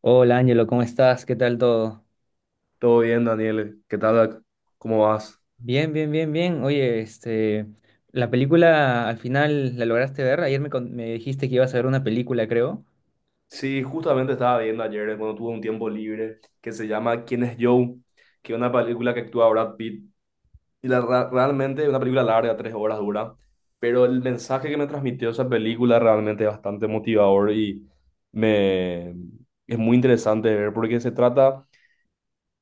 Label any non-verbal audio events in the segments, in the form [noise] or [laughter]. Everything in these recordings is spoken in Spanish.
Hola Ángelo, ¿cómo estás? ¿Qué tal todo? Todo bien, Daniel. ¿Qué tal? ¿Cómo vas? Bien, bien, bien, bien. Oye, este, la película al final la lograste ver. Ayer me dijiste que ibas a ver una película, creo. Sí, justamente estaba viendo ayer, cuando tuve un tiempo libre, que se llama ¿Quién es Joe? Que es una película que actúa Brad Pitt. Y realmente es una película larga, 3 horas dura. Pero el mensaje que me transmitió esa película realmente es bastante motivador y me, es muy interesante de ver porque se trata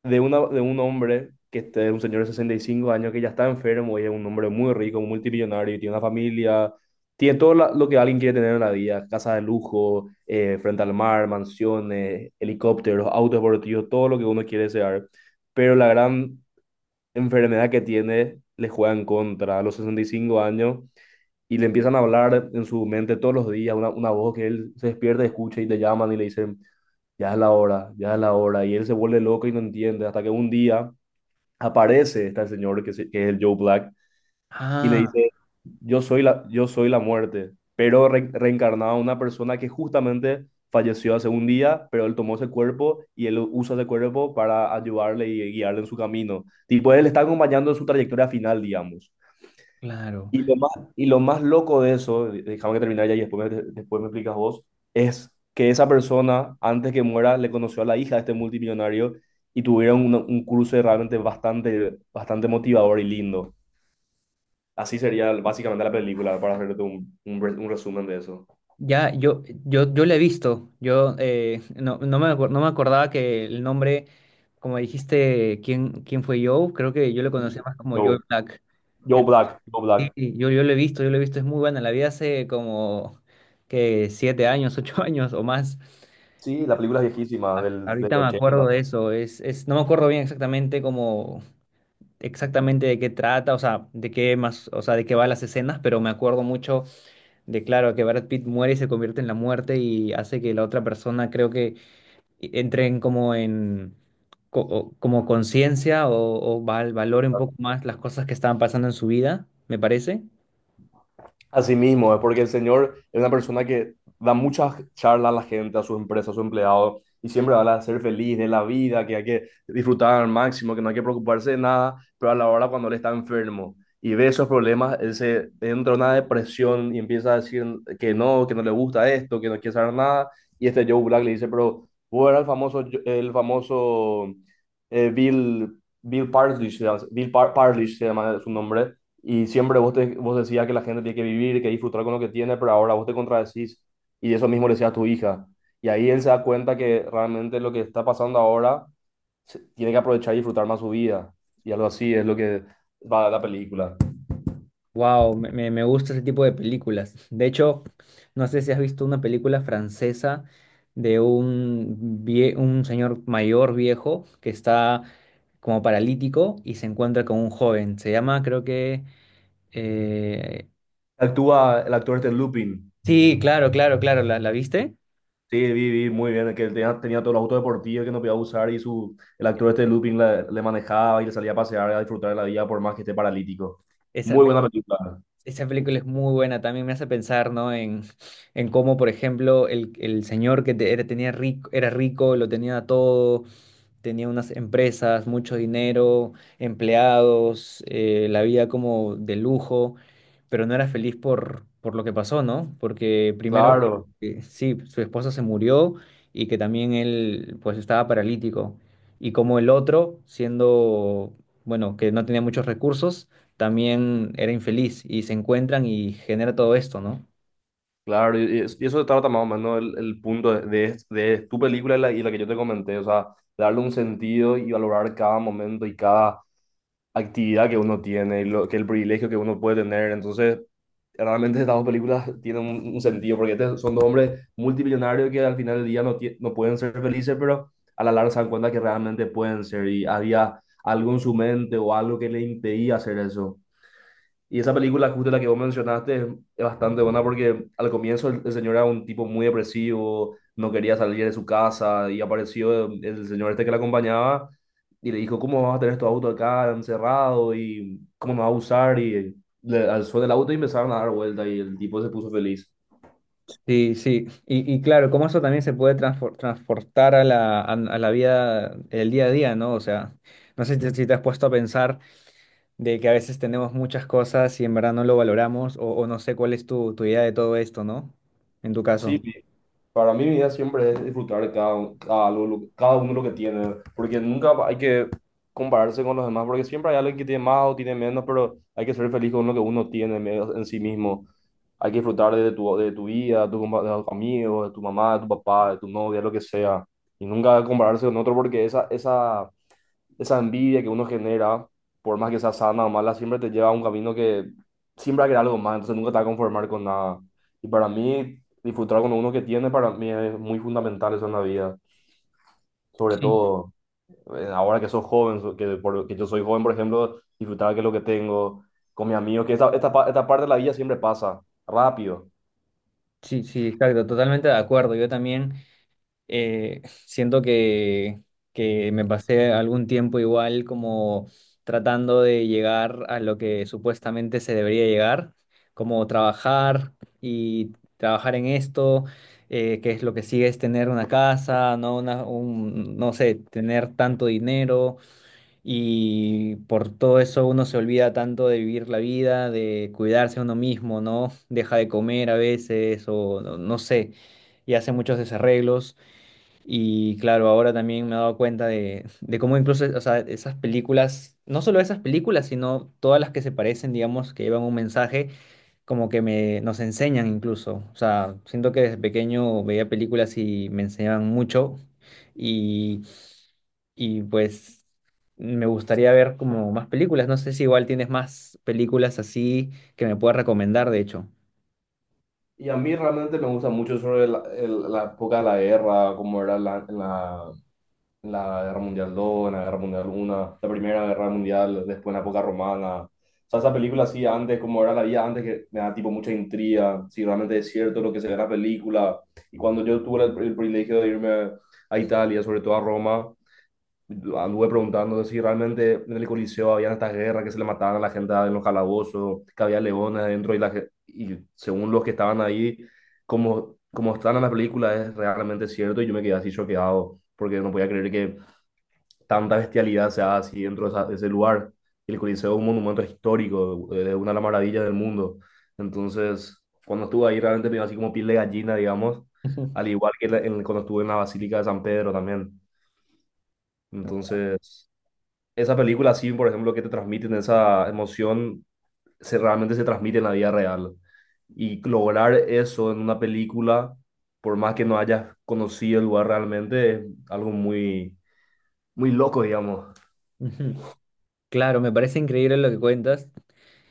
de un hombre que es un señor de 65 años que ya está enfermo y es un hombre muy rico, multimillonario, y tiene una familia, tiene todo lo que alguien quiere tener en la vida, casa de lujo, frente al mar, mansiones, helicópteros, autos deportivos, todo lo que uno quiere desear. Pero la gran enfermedad que tiene le juega en contra a los 65 años y le empiezan a hablar en su mente todos los días, una voz que él se despierta, escucha y le llaman y le dicen, ya es la hora, ya es la hora, y él se vuelve loco y no entiende, hasta que un día aparece este señor que es el Joe Black y le Ah, dice, yo soy la muerte, pero reencarnado a una persona que justamente falleció hace un día, pero él tomó ese cuerpo y él usa ese cuerpo para ayudarle y guiarle en su camino. Tipo, él está acompañando en su trayectoria final, digamos. claro. Y lo más, y lo más loco de eso, déjame que termine ya y después me explicas vos, es que esa persona, antes que muera, le conoció a la hija de este multimillonario y tuvieron un cruce realmente bastante, bastante motivador y lindo. Así sería básicamente la película, para hacerte un resumen de eso. Ya, yo la he visto. Yo no me acordaba que el nombre, como dijiste, ¿quién fue Joe? Creo que yo lo conocía más como Joe Joe, Black. Joe Entonces, Black, Joe sí, Black. yo lo he visto, yo lo he visto. Es muy buena. La vi hace como que 7 años, [laughs] 8 años o más. Sí, la película es viejísima, del Ahorita me ochenta. acuerdo de eso, no me acuerdo bien exactamente cómo, exactamente de qué trata, o sea, de qué más, o sea, de qué va las escenas, pero me acuerdo mucho de, claro, que Brad Pitt muere y se convierte en la muerte y hace que la otra persona, creo que entre en como en, como conciencia o, valore un poco más las cosas que estaban pasando en su vida, me parece. Así mismo, es porque el señor es una persona que da muchas charlas a la gente, a sus empresas, a sus empleados, y siempre habla de ser feliz, de la vida, que hay que disfrutar al máximo, que no hay que preocuparse de nada, pero a la hora cuando él está enfermo y ve esos problemas, él se entra en una depresión y empieza a decir que no le gusta esto, que no quiere saber nada, y este Joe Black le dice, pero vos eras el famoso, el famoso Bill Parlish, se llama- Bill Par- Parlish se llama su nombre, y siempre vos decías que la gente tiene que vivir, que disfrutar con lo que tiene, pero ahora vos te contradecís y eso mismo le decías a tu hija. Y ahí él se da cuenta que realmente lo que está pasando ahora tiene que aprovechar y disfrutar más su vida. Y algo así es lo que va la película. Wow, me gusta ese tipo de películas. De hecho, no sé si has visto una película francesa de un señor mayor viejo que está como paralítico y se encuentra con un joven. Se llama, creo que. eh, Actúa el actor este Lupin. Sí, claro, claro, claro, ¿la viste? Sí, vi muy bien, que él tenía todos los autos deportivos que no podía usar y el actor este Lupin le manejaba y le salía a pasear, a disfrutar de la vida por más que esté paralítico. Esa, Muy pe- buena película. esa película es muy buena, también me hace pensar, ¿no? En cómo, por ejemplo, el señor era, tenía rico, era rico, lo tenía todo, tenía unas empresas, mucho dinero, empleados, la vida como de lujo, pero no era feliz por lo que pasó, ¿no? Porque primero, Claro. Sí, su esposa se murió y que también él pues estaba paralítico. Y como el otro, siendo, bueno, que no tenía muchos recursos, también era infeliz y se encuentran y genera todo esto, ¿no? Claro, y eso se trata más o menos el punto de tu película y la que yo te comenté, o sea, darle un sentido y valorar cada momento y cada actividad que uno tiene, y lo, que el privilegio que uno puede tener. Entonces, realmente estas dos películas tienen un sentido, porque son dos hombres multimillonarios que al final del día no pueden ser felices, pero a la larga se dan cuenta que realmente pueden ser y había algo en su mente o algo que le impedía hacer eso. Y esa película, justo la que vos mencionaste, es bastante buena porque al comienzo el señor era un tipo muy depresivo, no quería salir de su casa y apareció el señor este que le acompañaba y le dijo, ¿cómo vas a tener tu auto acá encerrado y cómo nos vas a usar? Y le alzó del auto y empezaron a dar vuelta y el tipo se puso feliz. Sí, sí, y claro, como eso también se puede transportar a la vida, el día a día, ¿no? O sea, no sé si te has puesto a pensar de que a veces tenemos muchas cosas y en verdad no lo valoramos, o no sé cuál es tu idea de todo esto, ¿no? En tu caso. Sí, para mí mi vida siempre es disfrutar de cada uno lo que tiene, porque nunca hay que compararse con los demás, porque siempre hay alguien que tiene más o tiene menos, pero hay que ser feliz con lo que uno tiene en sí mismo. Hay que disfrutar de tu vida, de tu de tus amigos, de tu mamá, de tu papá, de tu novia, lo que sea. Y nunca compararse con otro porque esa envidia que uno genera, por más que sea sana o mala, siempre te lleva a un camino que siempre va a querer algo más, entonces nunca te va a conformar con nada. Y para mí, disfrutar con uno que tiene, para mí es muy fundamental eso en la vida, sobre Sí. todo ahora que sos joven, so- que, por- que yo soy joven, por ejemplo, disfrutar que lo que tengo con mis amigos, que esta parte de la vida siempre pasa rápido. Sí, sí, exacto, totalmente de acuerdo. Yo también. Siento que, me pasé algún tiempo igual como tratando de llegar a lo que supuestamente se debería llegar, como trabajar y trabajar en esto, que es lo que sigue es tener una casa, no una, un, no sé, tener tanto dinero y por todo eso uno se olvida tanto de vivir la vida, de cuidarse a uno mismo, ¿no? Deja de comer a veces o no no sé y hace muchos desarreglos. Y claro, ahora también me he dado cuenta de, cómo incluso, o sea, esas películas, no solo esas películas, sino todas las que se parecen, digamos, que llevan un mensaje, como que nos enseñan incluso. O sea, siento que desde pequeño veía películas y me enseñaban mucho. Y, y pues me gustaría ver como más películas. No sé si igual tienes más películas así que me puedas recomendar, de hecho. Y a mí realmente me gusta mucho sobre la época de la guerra, como era en la Guerra Mundial II en la Guerra Mundial 1, la Primera Guerra Mundial, después en la época romana. O sea, esa película así antes, como era la vida antes, que me da tipo mucha intriga, si realmente es cierto lo que se ve en la película. Y cuando yo tuve el privilegio de irme a Italia, sobre todo a Roma, anduve preguntando si realmente en el Coliseo habían estas guerras que se le mataban a la gente en los calabozos, que había leones adentro y, y según los que estaban ahí, como están en la película, es realmente cierto y yo me quedé así choqueado porque no podía creer que tanta bestialidad se haga así dentro de ese lugar. El Coliseo es un monumento histórico, es una de las maravillas del mundo. Entonces, cuando estuve ahí realmente me dio así como piel de gallina, digamos, [laughs] Ujú. al igual que cuando estuve en la Basílica de San Pedro también. Entonces esa película así, por ejemplo, que te transmiten esa emoción, realmente se transmite en la vida real. Y lograr eso en una película, por más que no hayas conocido el lugar realmente, es algo muy loco, digamos. Ujú. Claro, me parece increíble lo que cuentas.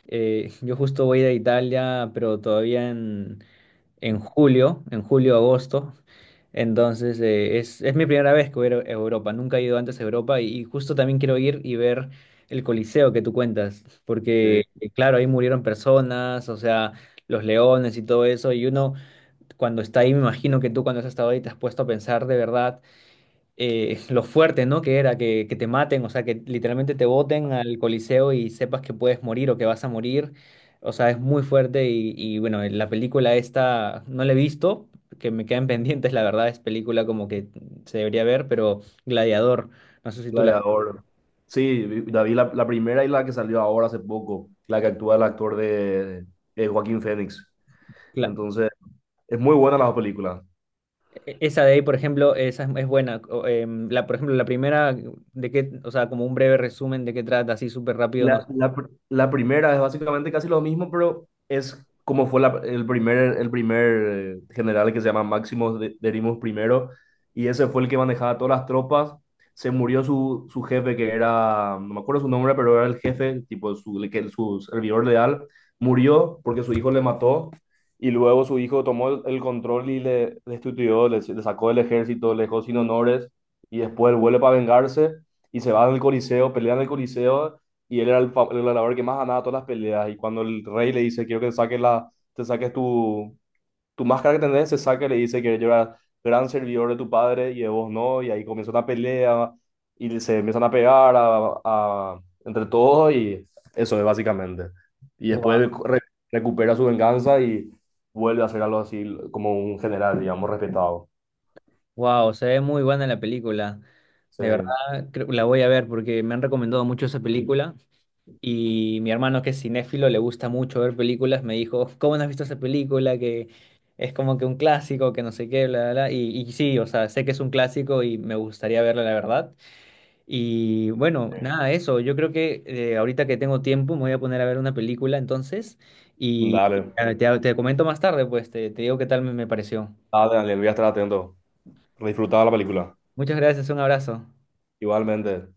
Yo justo voy a ir a Italia, pero todavía en, julio, agosto. Entonces, es mi primera vez que voy a ir a Europa. Nunca he ido antes a Europa y justo también quiero ir y ver el Coliseo que tú cuentas, porque, Sí, claro, ahí murieron personas, o sea, los leones y todo eso. Y uno, cuando está ahí, me imagino que tú cuando has estado ahí te has puesto a pensar de verdad [laughs] lo fuerte, ¿no? Que era que, te maten, o sea, que literalmente te boten al Coliseo y sepas que puedes morir o que vas a morir. O sea, es muy fuerte y bueno, la película esta no la he visto, que me quedan [laughs] pendientes, la verdad, es película como que se debería ver, pero Gladiador, no sé si tú la. Gladiador. Sí, la vi la primera y la que salió ahora hace poco, la que actúa el actor de, Joaquín Phoenix. la- Entonces, es muy buena la película. e- esa de ahí, por ejemplo, esa es buena. O, la, por ejemplo, la primera, de qué, o sea, como un breve resumen de qué trata, así súper rápido, no. La primera es básicamente casi lo mismo, pero es como fue el primer general que se llama Máximo Derimus primero, y ese fue el que manejaba todas las tropas. Se murió su jefe, que era, no me acuerdo su nombre, pero era el jefe, tipo su, el que, su servidor leal, murió porque su hijo le mató, y luego su hijo tomó el control y le destituyó, le sacó del ejército, le dejó sin honores, y después él vuelve para vengarse, y se va al Coliseo, pelea en el Coliseo y él era el gladiador que más ganaba todas las peleas. Y cuando el rey le dice, quiero que saques la, te saques tu, tu máscara que tenés, se saca y le dice que yo era gran servidor de tu padre y de vos no. Y ahí comienza una pelea y se empiezan a pegar entre todos y eso es básicamente. Y después re- recupera su venganza y vuelve a ser algo así como un general, digamos, respetado. Wow, se ve muy buena la película. Sí. De verdad, la voy a ver porque me han recomendado mucho esa película y mi hermano que es cinéfilo le gusta mucho ver películas, me dijo, ¿cómo no has visto esa película? Que es como que un clásico, que no sé qué, bla, bla, bla. Y sí, o sea, sé que es un clásico y me gustaría verla, la verdad. Y bueno, Sí. nada, eso. Yo creo que ahorita que tengo tiempo me voy a poner a ver una película entonces y Dale, ah, te comento más tarde, pues te digo qué tal me pareció. dale, Daniel, voy a estar atento. Disfrutaba la película. Muchas gracias, un abrazo. Igualmente.